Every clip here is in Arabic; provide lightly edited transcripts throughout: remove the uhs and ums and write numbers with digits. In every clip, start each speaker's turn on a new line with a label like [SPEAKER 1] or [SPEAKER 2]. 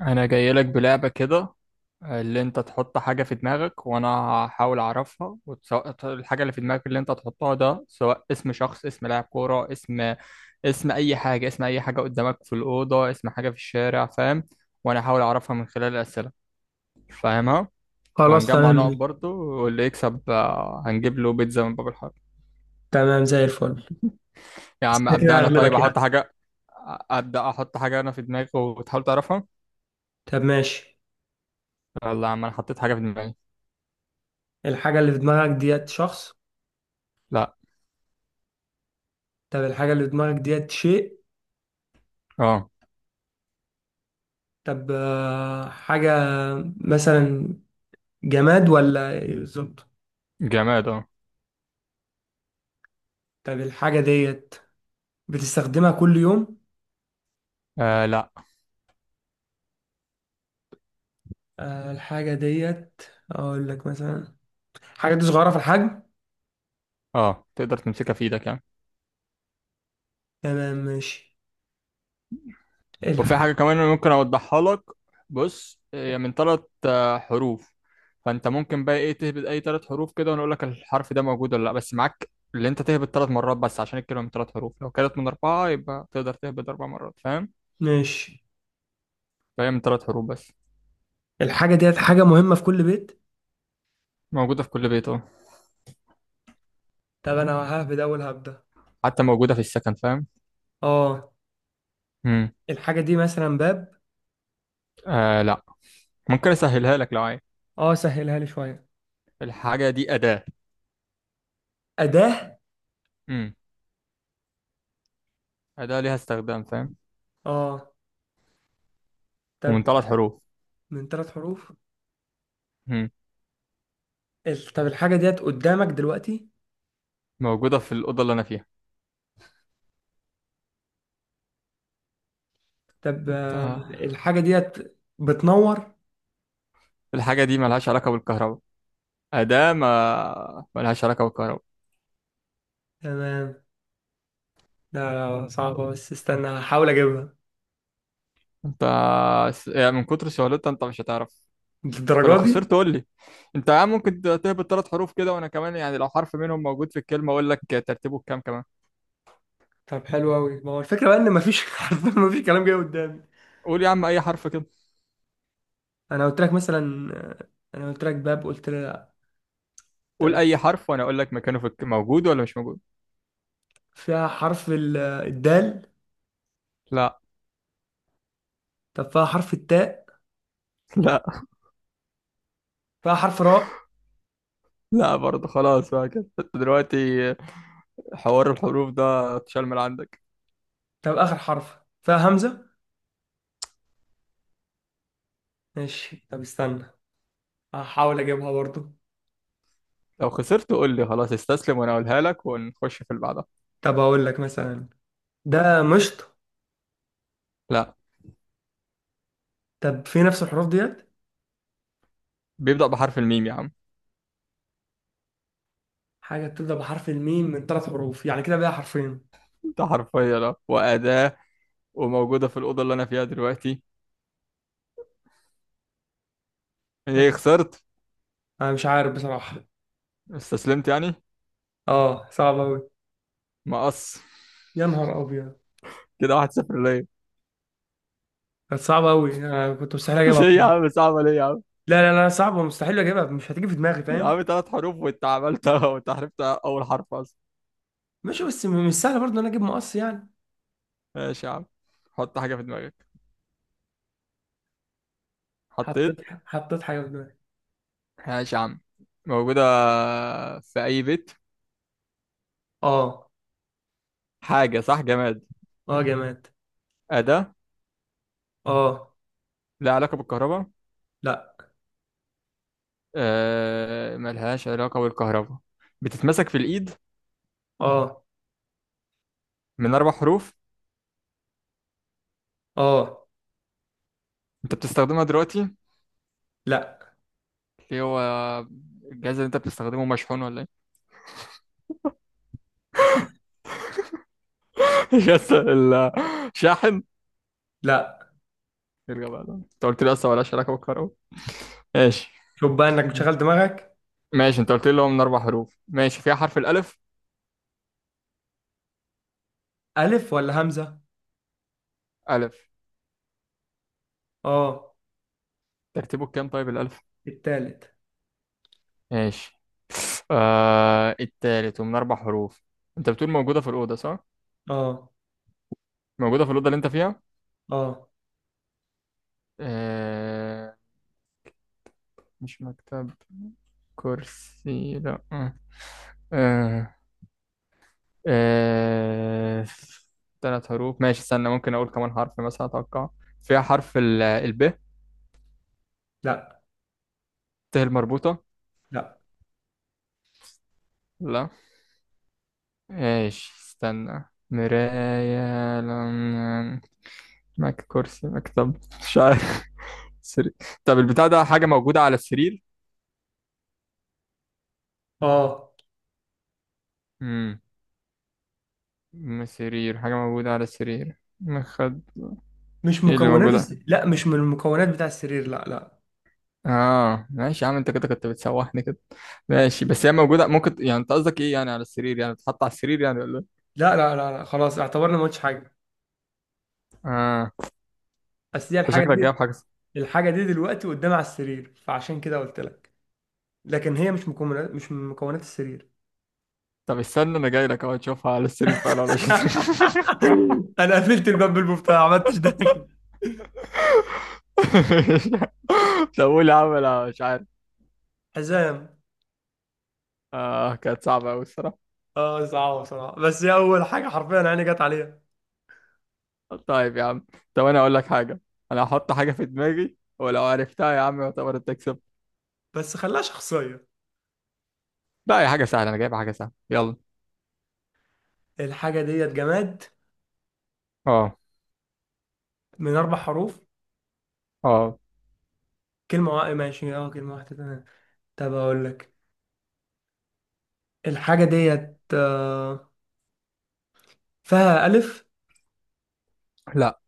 [SPEAKER 1] انا جاي لك بلعبة كده. اللي انت تحط حاجة في دماغك وانا هحاول اعرفها، وسواء الحاجة اللي في دماغك اللي انت تحطها ده سواء اسم شخص، اسم لاعب كورة، اسم اي حاجة، اسم اي حاجة قدامك في الأوضة، اسم حاجة في الشارع، فاهم؟ وانا هحاول اعرفها من خلال الأسئلة، فاهمها؟
[SPEAKER 2] خلاص
[SPEAKER 1] وهنجمع نقط
[SPEAKER 2] تمام.
[SPEAKER 1] برضو، واللي يكسب هنجيب له بيتزا من باب الحاره.
[SPEAKER 2] تمام زي الفل.
[SPEAKER 1] يا
[SPEAKER 2] بس
[SPEAKER 1] عم
[SPEAKER 2] كده
[SPEAKER 1] ابدأ.
[SPEAKER 2] كده
[SPEAKER 1] انا طيب
[SPEAKER 2] هغلبك
[SPEAKER 1] احط
[SPEAKER 2] يعني.
[SPEAKER 1] حاجة. ابدأ، احط حاجة انا في دماغي وتحاول تعرفها.
[SPEAKER 2] طب ماشي.
[SPEAKER 1] يلا يا عم، انا حطيت حاجة في دماغي.
[SPEAKER 2] الحاجة اللي في دماغك ديت شخص؟
[SPEAKER 1] لا.
[SPEAKER 2] طب الحاجة اللي في دماغك ديت شيء؟
[SPEAKER 1] اه،
[SPEAKER 2] طب حاجة مثلا. جماد ولا إيه بالظبط؟
[SPEAKER 1] جماد اه.
[SPEAKER 2] طب الحاجة ديت بتستخدمها كل يوم؟
[SPEAKER 1] آه لا.
[SPEAKER 2] الحاجة ديت أقول لك مثلا، الحاجة دي صغيرة في الحجم.
[SPEAKER 1] اه، تقدر تمسكها في ايدك يعني.
[SPEAKER 2] تمام ماشي.
[SPEAKER 1] وفي
[SPEAKER 2] الح...
[SPEAKER 1] حاجة كمان أنا ممكن اوضحها لك. بص، هي من ثلاث حروف، فانت ممكن بقى ايه تهبط اي ثلاث حروف كده ونقول لك الحرف ده موجود ولا لا، بس معاك اللي انت تهبط ثلاث مرات بس عشان الكلمة من ثلاث حروف، لو كانت من اربعة يبقى تقدر تهبط اربع مرات، فاهم؟
[SPEAKER 2] ماشي.
[SPEAKER 1] فهي من ثلاث حروف بس.
[SPEAKER 2] الحاجة ديت حاجة مهمة في كل بيت.
[SPEAKER 1] موجودة في كل بيت اه،
[SPEAKER 2] طب أنا ههبد أول هبدة.
[SPEAKER 1] حتى موجودة في السكن، فاهم؟
[SPEAKER 2] اه.
[SPEAKER 1] امم
[SPEAKER 2] الحاجة دي مثلا باب.
[SPEAKER 1] آه لا. ممكن اسهلها لك لو عايز.
[SPEAKER 2] اه، سهلها لي شوية.
[SPEAKER 1] الحاجة دي أداة.
[SPEAKER 2] أداة.
[SPEAKER 1] امم أداة ليها استخدام، فاهم؟
[SPEAKER 2] اه. طب
[SPEAKER 1] ومن ثلاث حروف.
[SPEAKER 2] من ثلاث حروف.
[SPEAKER 1] امم
[SPEAKER 2] طب الحاجة ديت قدامك دلوقتي.
[SPEAKER 1] موجودة في الأوضة اللي أنا فيها.
[SPEAKER 2] طب
[SPEAKER 1] انت
[SPEAKER 2] الحاجة ديت بتنور.
[SPEAKER 1] الحاجة دي ملهاش علاقة بالكهرباء، أداة ما ملهاش علاقة بالكهرباء.
[SPEAKER 2] تمام. لا. لا، صعبة بس استنى هحاول اجيبها.
[SPEAKER 1] انت يعني من كتر سهولتها انت مش هتعرف. فلو
[SPEAKER 2] للدرجة دي.
[SPEAKER 1] خسرت قول لي. انت يا عم ممكن تهبط ثلاث حروف كده، وانا كمان يعني لو حرف منهم موجود في الكلمة اقول لك ترتيبه بكام كمان.
[SPEAKER 2] طب حلو قوي، ما هو الفكرة بقى ان مفيش حرفيا مفيش كلام جاي قدامي.
[SPEAKER 1] قول يا عم اي حرف كده.
[SPEAKER 2] انا قلت لك مثلا انا قلت لك باب، قلت لي لا.
[SPEAKER 1] قول
[SPEAKER 2] طب
[SPEAKER 1] اي حرف وانا اقول لك مكانه في موجود ولا مش موجود.
[SPEAKER 2] فيها حرف الدال.
[SPEAKER 1] لا
[SPEAKER 2] طب فيها حرف التاء.
[SPEAKER 1] لا.
[SPEAKER 2] فيها حرف راء.
[SPEAKER 1] لا برضه. خلاص بقى كده انت دلوقتي حوار الحروف ده اتشال من عندك.
[SPEAKER 2] طب اخر حرف فيها همزة. ماشي، طب استنى هحاول اجيبها برضو.
[SPEAKER 1] لو خسرت قول لي خلاص استسلم وانا اقولها لك ونخش في اللي بعدها.
[SPEAKER 2] طب اقول لك مثلا، ده مشط.
[SPEAKER 1] لا،
[SPEAKER 2] طب في نفس الحروف ديت.
[SPEAKER 1] بيبدأ بحرف الميم يا عم.
[SPEAKER 2] حاجه بتبدا بحرف الميم من ثلاث حروف، يعني كده بقى حرفين.
[SPEAKER 1] ده حرفيا اه، وأداة، وموجودة في الأوضة اللي أنا فيها دلوقتي. إيه، خسرت؟
[SPEAKER 2] انا مش عارف بصراحه.
[SPEAKER 1] استسلمت يعني؟
[SPEAKER 2] اه، صعب قوي.
[SPEAKER 1] مقص.
[SPEAKER 2] يا نهار ابيض.
[SPEAKER 1] كده 1-0 ليا.
[SPEAKER 2] كانت صعبه قوي، انا كنت مستحيل اجيبها
[SPEAKER 1] ليه يا
[SPEAKER 2] بصراحه.
[SPEAKER 1] عم، صعبة ليه يا عم؟
[SPEAKER 2] لا، لا، لا، صعبه مستحيل اجيبها، مش هتيجي في دماغي
[SPEAKER 1] يا
[SPEAKER 2] فاهم.
[SPEAKER 1] عم تلات حروف وأنت عملتها، وأنت عرفت أول حرف أصلا.
[SPEAKER 2] ماشي، بس مش سهل برضه ان انا اجيب مقص يعني.
[SPEAKER 1] ماشي يا عم. حط حاجة في دماغك.
[SPEAKER 2] حطيت.
[SPEAKER 1] حطيت؟
[SPEAKER 2] حطيت حاجه في دماغي.
[SPEAKER 1] ماشي يا عم. موجودة في أي بيت.
[SPEAKER 2] اه.
[SPEAKER 1] حاجة صح، جماد.
[SPEAKER 2] اه، جماد.
[SPEAKER 1] أداة.
[SPEAKER 2] اه.
[SPEAKER 1] لها علاقة بالكهرباء.
[SPEAKER 2] لا.
[SPEAKER 1] آه، ملهاش علاقة بالكهرباء. بتتمسك في الإيد.
[SPEAKER 2] اه.
[SPEAKER 1] من أربع حروف.
[SPEAKER 2] اه.
[SPEAKER 1] أنت بتستخدمها دلوقتي.
[SPEAKER 2] لا.
[SPEAKER 1] ليه هو الجهاز اللي انت بتستخدمه مشحون ولا ايه؟ يس. الشاحن.
[SPEAKER 2] لا،
[SPEAKER 1] يرجع بقى، انت قلت لي اصلا ولا علاقه بالكهرباء. ماشي.
[SPEAKER 2] شوف بقى انك بتشغل دماغك.
[SPEAKER 1] ماشي، انت قلت لي هو من اربع حروف، ماشي، فيها حرف الالف.
[SPEAKER 2] الف ولا همزه؟
[SPEAKER 1] الف.
[SPEAKER 2] اه.
[SPEAKER 1] ترتيبه كام طيب الالف؟
[SPEAKER 2] التالت.
[SPEAKER 1] ماشي. آه التالت ومن اربع حروف. انت بتقول موجوده في الاوضه صح؟
[SPEAKER 2] اه.
[SPEAKER 1] موجوده في الاوضه اللي انت فيها.
[SPEAKER 2] اه.
[SPEAKER 1] آه. مش مكتب. كرسي لا. آه. آه. آه... ثلاث حروف. ماشي استنى، ممكن اقول كمان حرف مثلا اتوقع. فيها حرف ال الب.
[SPEAKER 2] لا.
[SPEAKER 1] ت المربوطة.
[SPEAKER 2] لا.
[SPEAKER 1] لا. ماشي استنى. مراية لم... كرسي مكتب مش عارف. سرير. طب البتاع ده حاجة موجودة على السرير.
[SPEAKER 2] اه
[SPEAKER 1] امم سرير، حاجة موجودة على السرير، مخد.
[SPEAKER 2] مش
[SPEAKER 1] ايه اللي
[SPEAKER 2] مكونات
[SPEAKER 1] موجودة؟
[SPEAKER 2] الس... لا، مش من المكونات بتاع السرير، لا، لا،
[SPEAKER 1] اه ماشي يا عم، انت كده كنت بتسوحني كده.
[SPEAKER 2] لا،
[SPEAKER 1] ماشي بس هي موجودة، ممكن يعني انت قصدك ايه يعني على السرير، يعني بتتحط على السرير يعني ولا إيه؟
[SPEAKER 2] لا، لا، لا، لا، خلاص اعتبرنا ما قلتش حاجه.
[SPEAKER 1] اه
[SPEAKER 2] اصل دي
[SPEAKER 1] انت
[SPEAKER 2] الحاجه
[SPEAKER 1] شكلك
[SPEAKER 2] دي.
[SPEAKER 1] جايب حاجة.
[SPEAKER 2] الحاجه دي دلوقتي قدام على السرير، فعشان كده قلت لك. لكن هي مش من مكونات السرير.
[SPEAKER 1] طب استنى، انا جاي لك اهو، تشوفها على السرير فعلا ولا مش على السرير؟
[SPEAKER 2] انا قفلت الباب بالمفتاح، ما عملتش ده.
[SPEAKER 1] طب قول يا عم، انا مش عارف.
[SPEAKER 2] حزام.
[SPEAKER 1] اه كانت صعبة أوي الصراحة.
[SPEAKER 2] اه، صعبه بصراحه، بس هي اول حاجه حرفيا عيني جت عليها.
[SPEAKER 1] طيب يا عم. طب أنا أقول لك حاجة. أنا هحط حاجة في دماغي ولو عرفتها يا عم يعتبر أنت كسبت.
[SPEAKER 2] بس خلاها شخصيه.
[SPEAKER 1] لا، هي حاجة سهلة، أنا جايب حاجة سهلة، يلا.
[SPEAKER 2] الحاجه ديت جماد.
[SPEAKER 1] اه.
[SPEAKER 2] من اربع حروف.
[SPEAKER 1] اه.
[SPEAKER 2] كلمة واحدة، ماشي اه، كلمة واحدة تمام. طب أقول لك، الحاجة ديت فيها ألف.
[SPEAKER 1] لا.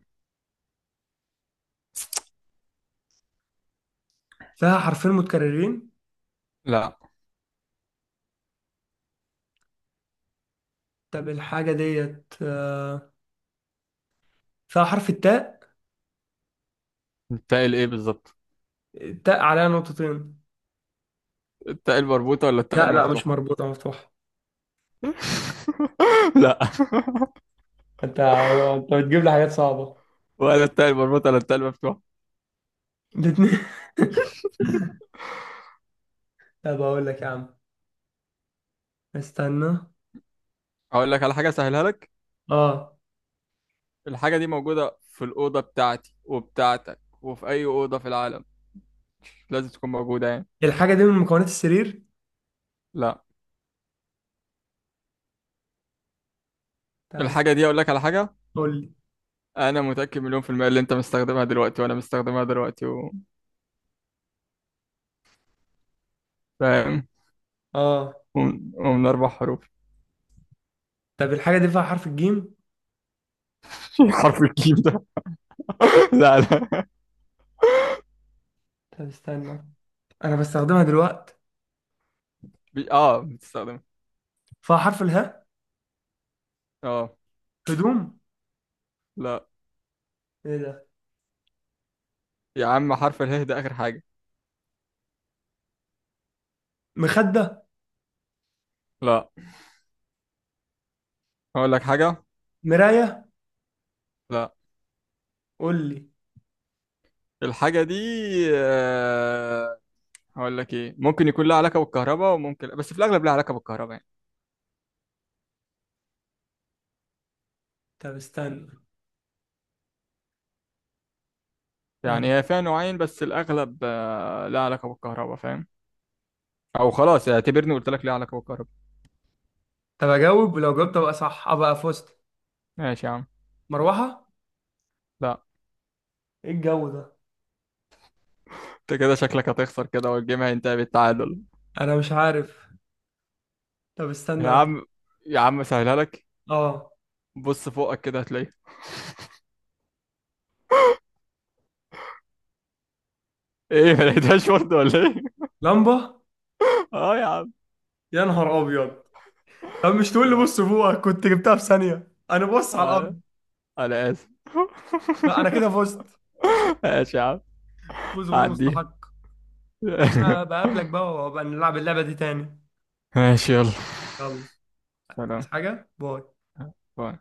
[SPEAKER 2] فيها حرفين متكررين.
[SPEAKER 1] لا،
[SPEAKER 2] طب الحاجة ديت فيها حرف التاء.
[SPEAKER 1] التاء الإيه بالظبط؟
[SPEAKER 2] التاء عليها نقطتين.
[SPEAKER 1] التاء المربوطة ولا التاء
[SPEAKER 2] لا لا، مش
[SPEAKER 1] المفتوحة؟
[SPEAKER 2] مربوطة، مفتوحة.
[SPEAKER 1] لا
[SPEAKER 2] أنت بتجيب لي حاجات صعبة.
[SPEAKER 1] ولا التاء المربوطة ولا التاء المفتوحة.
[SPEAKER 2] الاتنين. طب أقول لك يا عم، استنى.
[SPEAKER 1] أقول لك على حاجة سهلها لك.
[SPEAKER 2] أه.
[SPEAKER 1] الحاجة دي موجودة في الأوضة بتاعتي وبتاعتك وفي أي أوضة في العالم، لازم تكون موجودة يعني.
[SPEAKER 2] الحاجة دي من مكونات السرير.
[SPEAKER 1] لا.
[SPEAKER 2] طب
[SPEAKER 1] الحاجة دي أقول لك على حاجة،
[SPEAKER 2] قول لي.
[SPEAKER 1] أنا متأكد مليون في المية اللي أنت مستخدمها دلوقتي وأنا مستخدمها دلوقتي و... فاهم؟
[SPEAKER 2] أه.
[SPEAKER 1] ومن أربع حروف.
[SPEAKER 2] طب الحاجة دي فيها حرف الجيم.
[SPEAKER 1] حرف الجيم ده؟ لا لا.
[SPEAKER 2] طب استنى، أنا بستخدمها دلوقتي.
[SPEAKER 1] آه بتستخدمها.
[SPEAKER 2] فيها حرف الهاء.
[SPEAKER 1] آه.
[SPEAKER 2] هدوم.
[SPEAKER 1] لا.
[SPEAKER 2] ايه ده.
[SPEAKER 1] يا عم حرف اله ده آخر حاجة.
[SPEAKER 2] مخدة.
[SPEAKER 1] لا. أقول لك حاجة.
[SPEAKER 2] مراية.
[SPEAKER 1] لا.
[SPEAKER 2] قول لي.
[SPEAKER 1] الحاجة دي آه، هقول لك إيه، ممكن يكون لها علاقة بالكهرباء وممكن، بس في الأغلب لها علاقة بالكهرباء يعني.
[SPEAKER 2] طب استنى. آه.
[SPEAKER 1] يعني هي فيها نوعين بس الأغلب لها علاقة بالكهرباء، فاهم؟ أو خلاص يعني اعتبرني قلت لك ليها علاقة بالكهرباء.
[SPEAKER 2] طب اجاوب، ولو جاوبت ابقى صح ابقى فزت.
[SPEAKER 1] ماشي يا عم.
[SPEAKER 2] مروحة.
[SPEAKER 1] لا.
[SPEAKER 2] ايه الجو ده.
[SPEAKER 1] أنت كده شكلك هتخسر كده، والجيم هينتهي بالتعادل.
[SPEAKER 2] انا مش عارف. طب استنى
[SPEAKER 1] يا
[SPEAKER 2] أنا.
[SPEAKER 1] عم. يا عم سهلها لك.
[SPEAKER 2] اه.
[SPEAKER 1] بص فوقك كده هتلاقيها. إيه، ما لقيتهاش برضه ولا إيه؟
[SPEAKER 2] لمبة.
[SPEAKER 1] أه يا عم.
[SPEAKER 2] يا نهار ابيض. طب مش تقول لي
[SPEAKER 1] لا.
[SPEAKER 2] بص فوقك؟ كنت جبتها في ثانية، انا بص على
[SPEAKER 1] آه،
[SPEAKER 2] الارض.
[SPEAKER 1] أنا آسف.
[SPEAKER 2] لا، انا كده فزت.
[SPEAKER 1] ماشي يا عم.
[SPEAKER 2] فوز غير
[SPEAKER 1] عديها.
[SPEAKER 2] مستحق. بس انا بقابلك بقى، وبقى نلعب اللعبة دي تاني.
[SPEAKER 1] ماشي يلا.
[SPEAKER 2] يلا. عايز
[SPEAKER 1] سلام.
[SPEAKER 2] حاجة؟ باي.
[SPEAKER 1] باي.